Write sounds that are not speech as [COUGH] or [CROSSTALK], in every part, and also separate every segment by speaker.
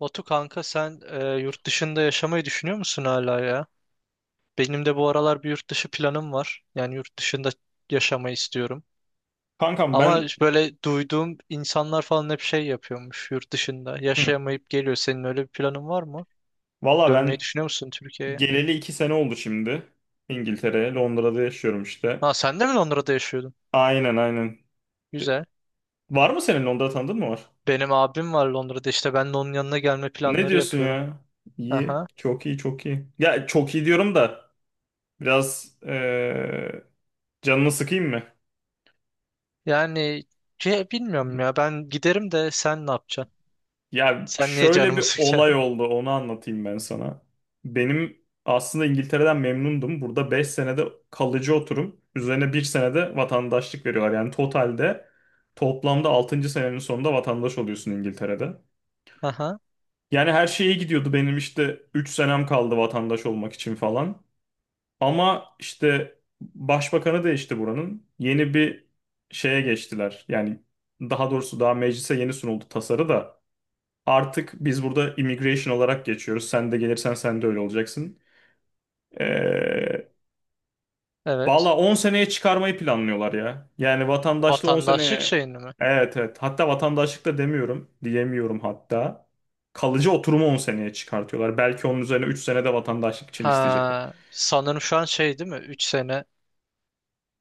Speaker 1: Batu kanka sen yurt dışında yaşamayı düşünüyor musun hala ya? Benim de bu aralar bir yurt dışı planım var. Yani yurt dışında yaşamayı istiyorum.
Speaker 2: Kankam
Speaker 1: Ama
Speaker 2: ben
Speaker 1: böyle duyduğum insanlar falan hep şey yapıyormuş yurt dışında.
Speaker 2: hı,
Speaker 1: Yaşayamayıp geliyor. Senin öyle bir planın var mı?
Speaker 2: valla
Speaker 1: Dönmeyi
Speaker 2: ben
Speaker 1: düşünüyor musun Türkiye'ye?
Speaker 2: geleli 2 sene oldu şimdi. İngiltere, Londra'da yaşıyorum işte.
Speaker 1: Ha sen de mi Londra'da yaşıyordun?
Speaker 2: Aynen aynen. De-
Speaker 1: Güzel.
Speaker 2: Var mı senin Londra tanıdığın mı var?
Speaker 1: Benim abim var Londra'da işte ben de onun yanına gelme
Speaker 2: Ne
Speaker 1: planları
Speaker 2: diyorsun
Speaker 1: yapıyorum.
Speaker 2: ya? İyi,
Speaker 1: Aha.
Speaker 2: çok iyi, çok iyi. Ya çok iyi diyorum da biraz canını sıkayım mı?
Speaker 1: Yani bilmiyorum ya ben giderim de sen ne yapacaksın?
Speaker 2: Ya
Speaker 1: Sen niye
Speaker 2: şöyle
Speaker 1: canımı
Speaker 2: bir olay
Speaker 1: sıkacaksın?
Speaker 2: oldu, onu anlatayım ben sana. Benim aslında İngiltere'den memnundum. Burada 5 senede kalıcı oturum. Üzerine bir senede vatandaşlık veriyorlar. Yani totalde, toplamda altıncı senenin sonunda vatandaş oluyorsun İngiltere'de.
Speaker 1: Aha.
Speaker 2: Yani her şey iyi gidiyordu. Benim işte 3 senem kaldı vatandaş olmak için falan. Ama işte başbakanı değişti buranın. Yeni bir şeye geçtiler. Yani daha doğrusu daha meclise yeni sunuldu tasarı da. Artık biz burada immigration olarak geçiyoruz. Sen de gelirsen sen de öyle olacaksın. Ee, valla
Speaker 1: Evet.
Speaker 2: 10 seneye çıkarmayı planlıyorlar ya. Yani vatandaşlığı 10
Speaker 1: Vatandaşlık
Speaker 2: seneye...
Speaker 1: şeyini mi?
Speaker 2: Evet evet. Hatta vatandaşlık da demiyorum. Diyemiyorum hatta. Kalıcı oturumu 10 seneye çıkartıyorlar. Belki onun üzerine 3 sene de vatandaşlık için isteyecekler.
Speaker 1: Ha, sanırım şu an şey değil mi? 3 sene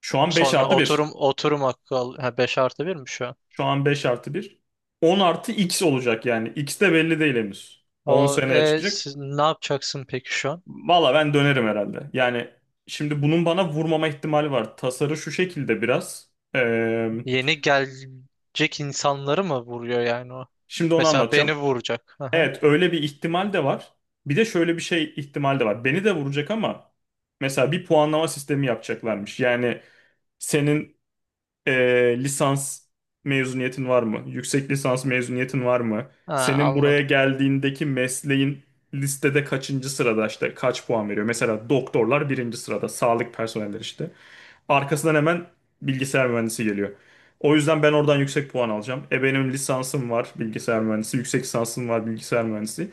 Speaker 2: Şu an 5
Speaker 1: sonra
Speaker 2: artı
Speaker 1: oturum
Speaker 2: 1.
Speaker 1: hakkı al. Ha, 5 artı 1 mi şu an?
Speaker 2: Şu an 5 artı 1. 10 artı X olacak yani. X de belli değil henüz. 10 seneye çıkacak.
Speaker 1: Siz ne yapacaksın peki şu an?
Speaker 2: Valla ben dönerim herhalde. Yani şimdi bunun bana vurmama ihtimali var. Tasarı şu şekilde biraz.
Speaker 1: Yeni gelecek insanları mı vuruyor yani o?
Speaker 2: Şimdi onu
Speaker 1: Mesela
Speaker 2: anlatacağım.
Speaker 1: beni vuracak. Aha.
Speaker 2: Evet, öyle bir ihtimal de var. Bir de şöyle bir şey ihtimal de var. Beni de vuracak ama mesela bir puanlama sistemi yapacaklarmış. Yani senin lisans mezuniyetin var mı? Yüksek lisans mezuniyetin var mı?
Speaker 1: Ha,
Speaker 2: Senin buraya
Speaker 1: anladım.
Speaker 2: geldiğindeki mesleğin listede kaçıncı sırada, işte kaç puan veriyor? Mesela doktorlar birinci sırada, sağlık personelleri işte. Arkasından hemen bilgisayar mühendisi geliyor. O yüzden ben oradan yüksek puan alacağım. E benim lisansım var bilgisayar mühendisi, yüksek lisansım var bilgisayar mühendisi.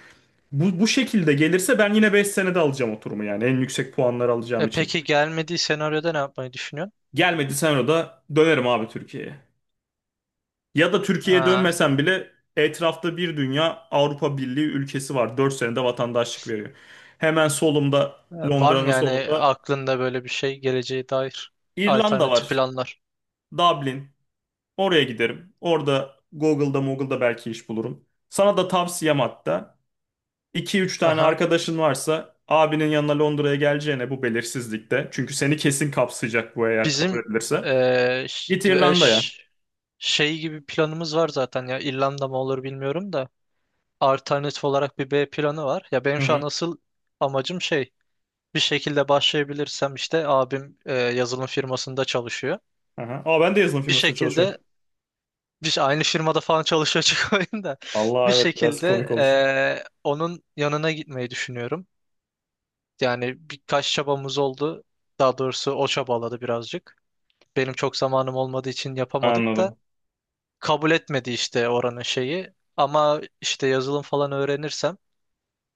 Speaker 2: Bu şekilde gelirse ben yine 5 senede alacağım oturumu, yani en yüksek puanları alacağım
Speaker 1: E,
Speaker 2: için.
Speaker 1: peki gelmediği senaryoda ne yapmayı düşünüyorsun?
Speaker 2: Gelmedi Senro'da dönerim abi Türkiye'ye. Ya da Türkiye'ye
Speaker 1: Ha,
Speaker 2: dönmesem bile etrafta bir dünya Avrupa Birliği ülkesi var. 4 senede vatandaşlık veriyor. Hemen solumda,
Speaker 1: e, var mı
Speaker 2: Londra'nın
Speaker 1: yani
Speaker 2: solunda
Speaker 1: aklında böyle bir şey geleceğe dair
Speaker 2: İrlanda
Speaker 1: alternatif
Speaker 2: var.
Speaker 1: planlar?
Speaker 2: Dublin. Oraya giderim. Orada Google'da belki iş bulurum. Sana da tavsiyem, hatta iki üç tane
Speaker 1: Aha.
Speaker 2: arkadaşın varsa abinin yanına Londra'ya geleceğine bu belirsizlikte. Çünkü seni kesin kapsayacak bu, eğer kabul
Speaker 1: Bizim
Speaker 2: edilirse.
Speaker 1: eee, ş-
Speaker 2: Git
Speaker 1: e,
Speaker 2: İrlanda'ya.
Speaker 1: ş- şey gibi planımız var zaten ya İrlanda mı olur bilmiyorum da alternatif olarak bir B planı var. Ya benim
Speaker 2: Hı
Speaker 1: şu an
Speaker 2: hı.
Speaker 1: asıl amacım şey bir şekilde başlayabilirsem işte abim yazılım firmasında çalışıyor.
Speaker 2: Aha. Aa, ben de yazılım
Speaker 1: Bir
Speaker 2: firmasında çalışıyorum.
Speaker 1: şekilde biz aynı firmada falan çalışıyor [LAUGHS] çıkmayın da
Speaker 2: Allah,
Speaker 1: bir
Speaker 2: evet biraz komik
Speaker 1: şekilde
Speaker 2: olur.
Speaker 1: onun yanına gitmeyi düşünüyorum. Yani birkaç çabamız oldu. Daha doğrusu o çabaladı birazcık. Benim çok zamanım olmadığı için yapamadık,
Speaker 2: Anladım.
Speaker 1: kabul etmedi işte oranın şeyi. Ama işte yazılım falan öğrenirsem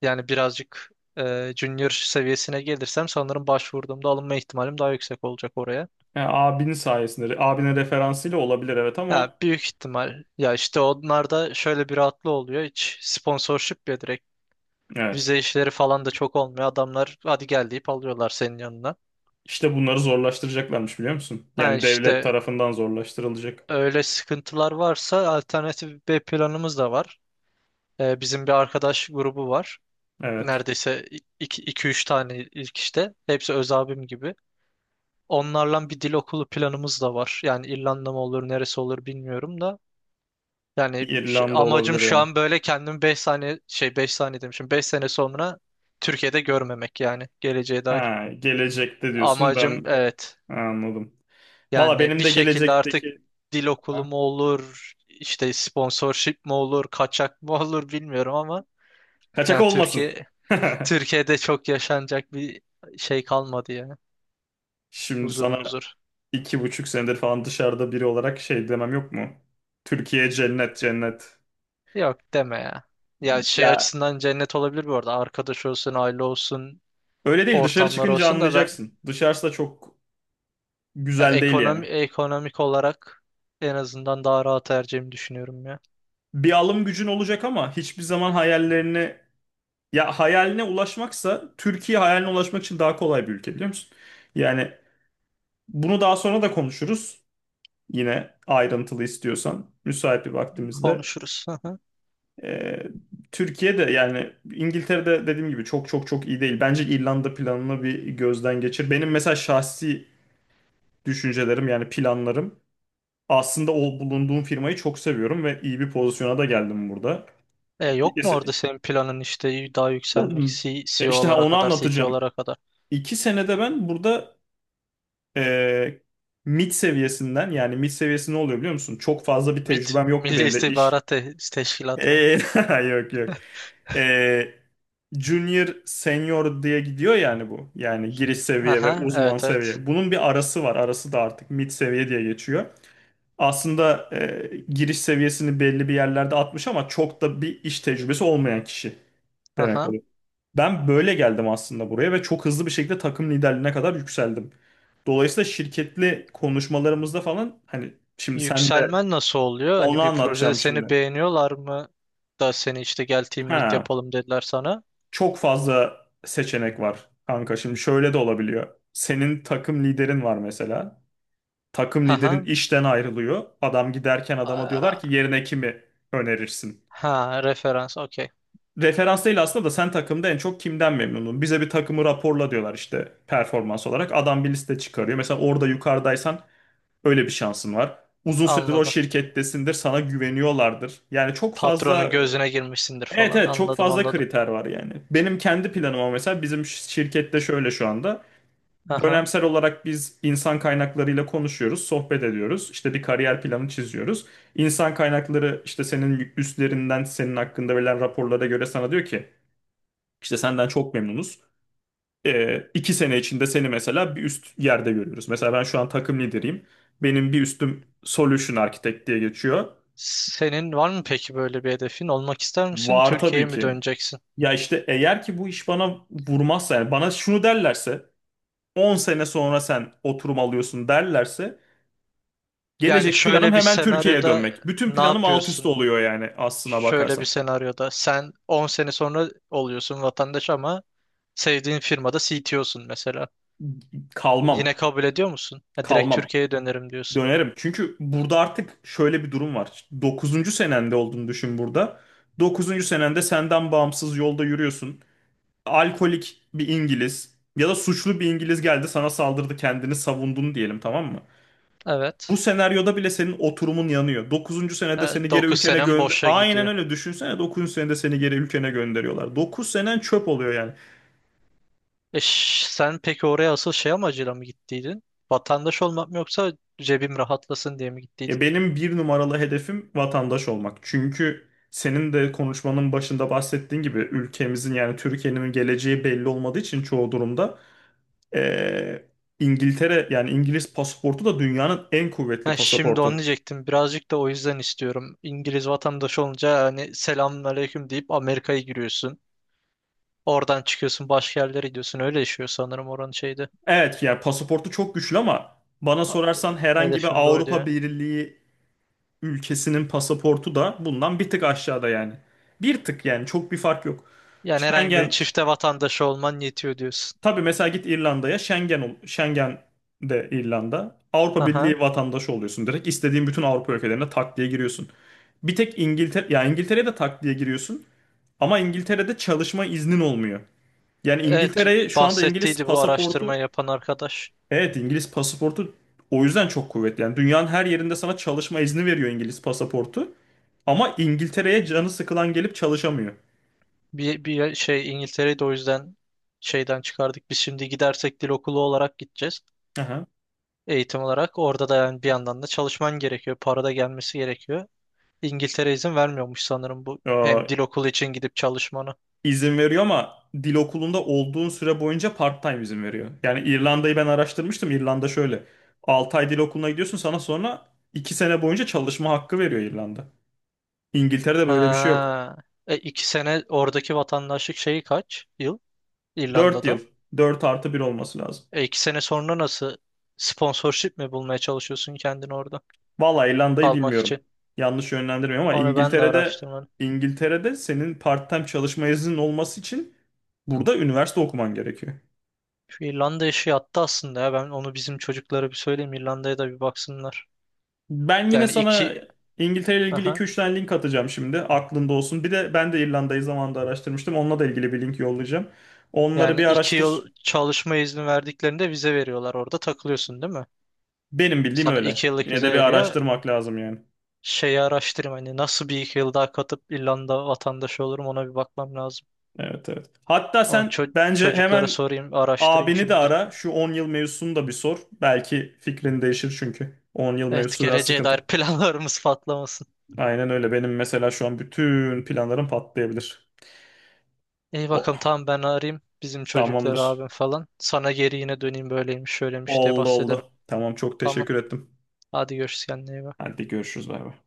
Speaker 1: yani birazcık junior seviyesine gelirsem sanırım başvurduğumda alınma ihtimalim daha yüksek olacak oraya.
Speaker 2: Yani abinin sayesinde, abine referansıyla olabilir, evet
Speaker 1: Ya
Speaker 2: ama
Speaker 1: büyük ihtimal. Ya işte onlarda şöyle bir rahatlığı oluyor. Hiç sponsorship ya direkt.
Speaker 2: evet.
Speaker 1: Vize işleri falan da çok olmuyor. Adamlar hadi gel deyip alıyorlar senin yanına.
Speaker 2: İşte bunları zorlaştıracaklarmış, biliyor musun?
Speaker 1: Ha
Speaker 2: Yani devlet
Speaker 1: işte
Speaker 2: tarafından zorlaştırılacak.
Speaker 1: öyle sıkıntılar varsa alternatif B planımız da var. E, bizim bir arkadaş grubu var.
Speaker 2: Evet.
Speaker 1: Neredeyse iki üç tane ilk işte. Hepsi öz abim gibi. Onlarla bir dil okulu planımız da var. Yani İrlanda mı olur, neresi olur bilmiyorum da. Yani
Speaker 2: İrlanda
Speaker 1: amacım
Speaker 2: olabilir
Speaker 1: şu
Speaker 2: ya.
Speaker 1: an böyle kendimi 5 saniye şey 5 saniye demişim. Beş sene sonra Türkiye'de görmemek yani geleceğe dair.
Speaker 2: Ha, gelecekte diyorsun, ben
Speaker 1: Amacım evet.
Speaker 2: anladım. Valla
Speaker 1: Yani
Speaker 2: benim
Speaker 1: bir
Speaker 2: de
Speaker 1: şekilde artık
Speaker 2: gelecekteki...
Speaker 1: dil okulu
Speaker 2: Ha,
Speaker 1: mu olur, işte sponsorship mi olur, kaçak mı [LAUGHS] olur bilmiyorum ama
Speaker 2: kaçak
Speaker 1: yani
Speaker 2: olmasın. [LAUGHS]
Speaker 1: Türkiye'de çok yaşanacak bir şey kalmadı ya.
Speaker 2: Şimdi
Speaker 1: Huzur
Speaker 2: sana
Speaker 1: muzur.
Speaker 2: 2,5 senedir falan dışarıda biri olarak şey demem yok mu? Türkiye cennet cennet.
Speaker 1: Yok deme ya. Ya şey
Speaker 2: Ya
Speaker 1: açısından cennet olabilir bu arada. Arkadaş olsun, aile olsun,
Speaker 2: öyle değil, dışarı
Speaker 1: ortamlar
Speaker 2: çıkınca
Speaker 1: olsun da ben
Speaker 2: anlayacaksın. Dışarısı da çok
Speaker 1: ya
Speaker 2: güzel değil yani.
Speaker 1: ekonomik olarak en azından daha rahat ereceğimi düşünüyorum ya.
Speaker 2: Bir alım gücün olacak ama hiçbir zaman hayallerini, ya hayaline ulaşmaksa Türkiye hayaline ulaşmak için daha kolay bir ülke, biliyor musun? Yani bunu daha sonra da konuşuruz, yine ayrıntılı istiyorsan müsait bir vaktimizde.
Speaker 1: Konuşuruz. [LAUGHS] Hı hı.
Speaker 2: Ee, Türkiye'de, yani İngiltere'de dediğim gibi çok çok çok iyi değil. Bence İrlanda planını bir gözden geçir. Benim mesela şahsi düşüncelerim, yani planlarım, aslında o bulunduğum firmayı çok seviyorum ve iyi bir pozisyona da geldim burada.
Speaker 1: E, yok
Speaker 2: İki
Speaker 1: mu
Speaker 2: se-
Speaker 1: orada senin planın işte daha yükselmek
Speaker 2: [CLEARS THROAT] Ya
Speaker 1: CEO
Speaker 2: işte, ha,
Speaker 1: olarak
Speaker 2: onu
Speaker 1: kadar, CTO
Speaker 2: anlatacağım.
Speaker 1: olarak kadar?
Speaker 2: 2 senede ben burada e, mid seviyesinden, yani mid seviyesi ne oluyor biliyor musun? Çok fazla bir
Speaker 1: MIT,
Speaker 2: tecrübem yoktu
Speaker 1: Milli
Speaker 2: benim de iş.
Speaker 1: İstihbarat
Speaker 2: Ee,
Speaker 1: Teşkilatı mı?
Speaker 2: [LAUGHS] yok yok. e, junior senior diye gidiyor yani bu. Yani giriş seviye ve
Speaker 1: Aha,
Speaker 2: uzman
Speaker 1: evet evet.
Speaker 2: seviye. Bunun bir arası var. Arası da artık mid seviye diye geçiyor. Aslında giriş seviyesini belli bir yerlerde atmış ama çok da bir iş tecrübesi olmayan kişi demek
Speaker 1: Aha.
Speaker 2: oluyor. Ben böyle geldim aslında buraya ve çok hızlı bir şekilde takım liderliğine kadar yükseldim. Dolayısıyla şirketli konuşmalarımızda falan, hani şimdi sen de,
Speaker 1: Yükselmen nasıl oluyor? Hani
Speaker 2: onu
Speaker 1: bir projede
Speaker 2: anlatacağım
Speaker 1: seni
Speaker 2: şimdi.
Speaker 1: beğeniyorlar mı da seni işte gel team lead
Speaker 2: Ha,
Speaker 1: yapalım dediler sana.
Speaker 2: çok fazla seçenek var kanka. Şimdi şöyle de olabiliyor. Senin takım liderin var mesela. Takım liderin
Speaker 1: Haha.
Speaker 2: işten ayrılıyor. Adam giderken adama diyorlar
Speaker 1: Aa,
Speaker 2: ki, yerine kimi önerirsin?
Speaker 1: ha referans okey
Speaker 2: Referans değil aslında da, sen takımda en çok kimden memnunun? Bize bir takımı raporla diyorlar işte, performans olarak. Adam bir liste çıkarıyor. Mesela orada yukarıdaysan öyle bir şansın var. Uzun süredir o
Speaker 1: anladım.
Speaker 2: şirkettesindir, sana güveniyorlardır. Yani çok
Speaker 1: Patronun
Speaker 2: fazla.
Speaker 1: gözüne girmişsindir
Speaker 2: Evet
Speaker 1: falan,
Speaker 2: evet, çok
Speaker 1: anladım
Speaker 2: fazla
Speaker 1: anladım.
Speaker 2: kriter var yani. Benim kendi planım ama mesela bizim şirkette şöyle şu anda.
Speaker 1: Haha.
Speaker 2: Dönemsel olarak biz insan kaynaklarıyla konuşuyoruz, sohbet ediyoruz. İşte bir kariyer planı çiziyoruz. İnsan kaynakları işte senin üstlerinden senin hakkında verilen raporlara göre sana diyor ki işte senden çok memnunuz. İki sene içinde seni mesela bir üst yerde görüyoruz. Mesela ben şu an takım lideriyim. Benim bir üstüm Solution Architect diye geçiyor.
Speaker 1: Senin var mı peki böyle bir hedefin? Olmak ister misin?
Speaker 2: Var
Speaker 1: Türkiye'ye
Speaker 2: tabii
Speaker 1: mi
Speaker 2: ki.
Speaker 1: döneceksin?
Speaker 2: Ya işte eğer ki bu iş bana vurmazsa, yani bana şunu derlerse, 10 sene sonra sen oturum alıyorsun derlerse,
Speaker 1: Yani
Speaker 2: gelecek planım
Speaker 1: şöyle bir
Speaker 2: hemen Türkiye'ye
Speaker 1: senaryoda
Speaker 2: dönmek. Bütün
Speaker 1: ne
Speaker 2: planım alt üst
Speaker 1: yapıyorsun?
Speaker 2: oluyor yani, aslına
Speaker 1: Şöyle bir
Speaker 2: bakarsan.
Speaker 1: senaryoda sen 10 sene sonra oluyorsun vatandaş ama sevdiğin firmada CTO'sun mesela.
Speaker 2: Kalmam,
Speaker 1: Yine kabul ediyor musun? Ya direkt
Speaker 2: kalmam.
Speaker 1: Türkiye'ye dönerim diyorsun.
Speaker 2: Dönerim. Çünkü burada artık şöyle bir durum var. 9. senende olduğunu düşün burada. 9. senende senden bağımsız yolda yürüyorsun. Alkolik bir İngiliz ya da suçlu bir İngiliz geldi, sana saldırdı, kendini savundun diyelim, tamam mı? Bu
Speaker 1: Evet.
Speaker 2: senaryoda bile senin oturumun yanıyor. Dokuzuncu senede seni geri
Speaker 1: 9
Speaker 2: ülkene
Speaker 1: senem
Speaker 2: gönder...
Speaker 1: boşa
Speaker 2: Aynen
Speaker 1: gidiyor.
Speaker 2: öyle düşünsene, dokuzuncu senede seni geri ülkene gönderiyorlar. 9 senen çöp oluyor yani.
Speaker 1: Sen peki oraya asıl şey amacıyla mı gittiydin? Vatandaş olmak mı yoksa cebim rahatlasın diye mi
Speaker 2: Ya
Speaker 1: gittiydin?
Speaker 2: benim bir numaralı hedefim vatandaş olmak. Çünkü senin de konuşmanın başında bahsettiğin gibi ülkemizin, yani Türkiye'nin geleceği belli olmadığı için çoğu durumda eee, İngiltere, yani İngiliz pasaportu da dünyanın en kuvvetli
Speaker 1: Ha, şimdi onu
Speaker 2: pasaportu.
Speaker 1: diyecektim. Birazcık da o yüzden istiyorum. İngiliz vatandaş olunca hani selamünaleyküm deyip Amerika'ya giriyorsun. Oradan çıkıyorsun başka yerlere gidiyorsun. Öyle yaşıyor sanırım oranın şeydi.
Speaker 2: Evet, yani pasaportu çok güçlü ama bana
Speaker 1: A-
Speaker 2: sorarsan herhangi bir
Speaker 1: Hedefim de oydu
Speaker 2: Avrupa
Speaker 1: ya.
Speaker 2: Birliği ülkesinin pasaportu da bundan bir tık aşağıda yani. Bir tık yani, çok bir fark yok.
Speaker 1: Yani herhangi birinin
Speaker 2: Schengen,
Speaker 1: çifte vatandaşı olman yetiyor diyorsun.
Speaker 2: tabii mesela git İrlanda'ya, Schengen ol, Schengen de İrlanda. Avrupa
Speaker 1: Aha.
Speaker 2: Birliği vatandaşı oluyorsun direkt. İstediğin bütün Avrupa ülkelerine tak diye giriyorsun. Bir tek İngiltere, ya İngiltere'ye de tak diye giriyorsun ama İngiltere'de çalışma iznin olmuyor. Yani
Speaker 1: Evet,
Speaker 2: İngiltere'ye şu anda İngiliz
Speaker 1: bahsettiydi bu araştırma
Speaker 2: pasaportu,
Speaker 1: yapan arkadaş.
Speaker 2: evet İngiliz pasaportu o yüzden çok kuvvetli. Yani dünyanın her yerinde sana çalışma izni veriyor İngiliz pasaportu. Ama İngiltere'ye canı sıkılan gelip çalışamıyor.
Speaker 1: Bir şey, İngiltere'yi de o yüzden şeyden çıkardık. Biz şimdi gidersek dil okulu olarak gideceğiz.
Speaker 2: Aha.
Speaker 1: Eğitim olarak. Orada da yani bir yandan da çalışman gerekiyor. Para da gelmesi gerekiyor. İngiltere izin vermiyormuş sanırım bu hem
Speaker 2: Ee,
Speaker 1: dil okulu için gidip çalışmanı.
Speaker 2: izin veriyor ama dil okulunda olduğun süre boyunca part-time izin veriyor. Yani İrlanda'yı ben araştırmıştım. İrlanda şöyle. 6 ay dil okuluna gidiyorsun, sana sonra 2 sene boyunca çalışma hakkı veriyor İrlanda. İngiltere'de böyle bir şey yok.
Speaker 1: Ha. E, iki sene oradaki vatandaşlık şeyi kaç yıl
Speaker 2: 4 yıl.
Speaker 1: İrlanda'da?
Speaker 2: Dört artı bir olması lazım.
Speaker 1: E, iki sene sonra nasıl sponsorship mi bulmaya çalışıyorsun kendini orada
Speaker 2: Vallahi İrlanda'yı
Speaker 1: kalmak
Speaker 2: bilmiyorum.
Speaker 1: için?
Speaker 2: Yanlış yönlendirmiyorum ama
Speaker 1: Onu ben de
Speaker 2: İngiltere'de
Speaker 1: araştırmadım.
Speaker 2: İngiltere'de senin part-time çalışma iznin olması için burada üniversite okuman gerekiyor.
Speaker 1: Şu İrlanda işi yattı aslında ya. Ben onu bizim çocuklara bir söyleyeyim. İrlanda'ya da bir baksınlar.
Speaker 2: Ben yine
Speaker 1: Yani
Speaker 2: sana
Speaker 1: iki
Speaker 2: İngiltere ile ilgili
Speaker 1: aha,
Speaker 2: iki üç tane link atacağım şimdi. Aklında olsun. Bir de ben de İrlanda'yı zamanında araştırmıştım. Onunla da ilgili bir link yollayacağım. Onları
Speaker 1: yani
Speaker 2: bir
Speaker 1: iki yıl
Speaker 2: araştır.
Speaker 1: çalışma izni verdiklerinde vize veriyorlar. Orada takılıyorsun değil mi?
Speaker 2: Benim bildiğim
Speaker 1: Sana
Speaker 2: öyle.
Speaker 1: iki yıllık
Speaker 2: Yine de
Speaker 1: vize
Speaker 2: bir
Speaker 1: veriyor.
Speaker 2: araştırmak lazım yani.
Speaker 1: Şeyi araştırayım hani nasıl bir iki yıl daha katıp İrlanda vatandaşı olurum, ona bir bakmam lazım.
Speaker 2: Evet evet. Hatta
Speaker 1: Onu
Speaker 2: sen
Speaker 1: ço-
Speaker 2: bence
Speaker 1: çocuklara
Speaker 2: hemen
Speaker 1: sorayım, araştırayım
Speaker 2: abini de
Speaker 1: şimdi.
Speaker 2: ara. Şu 10 yıl mevzusunu da bir sor. Belki fikrin değişir çünkü. 10 yıl
Speaker 1: Evet,
Speaker 2: mevzusu biraz
Speaker 1: geleceğe dair
Speaker 2: sıkıntı.
Speaker 1: [LAUGHS] planlarımız patlamasın.
Speaker 2: Aynen öyle. Benim mesela şu an bütün planlarım patlayabilir.
Speaker 1: İyi
Speaker 2: O,
Speaker 1: bakalım, tamam ben arayayım bizim çocukları
Speaker 2: tamamdır.
Speaker 1: abim falan. Sana geri yine döneyim böyleymiş şöyleymiş diye
Speaker 2: Oldu
Speaker 1: bahsederim.
Speaker 2: oldu. Tamam, çok
Speaker 1: Tamam.
Speaker 2: teşekkür ettim.
Speaker 1: Hadi görüşürüz, kendine iyi bak.
Speaker 2: Hadi görüşürüz, bay bay.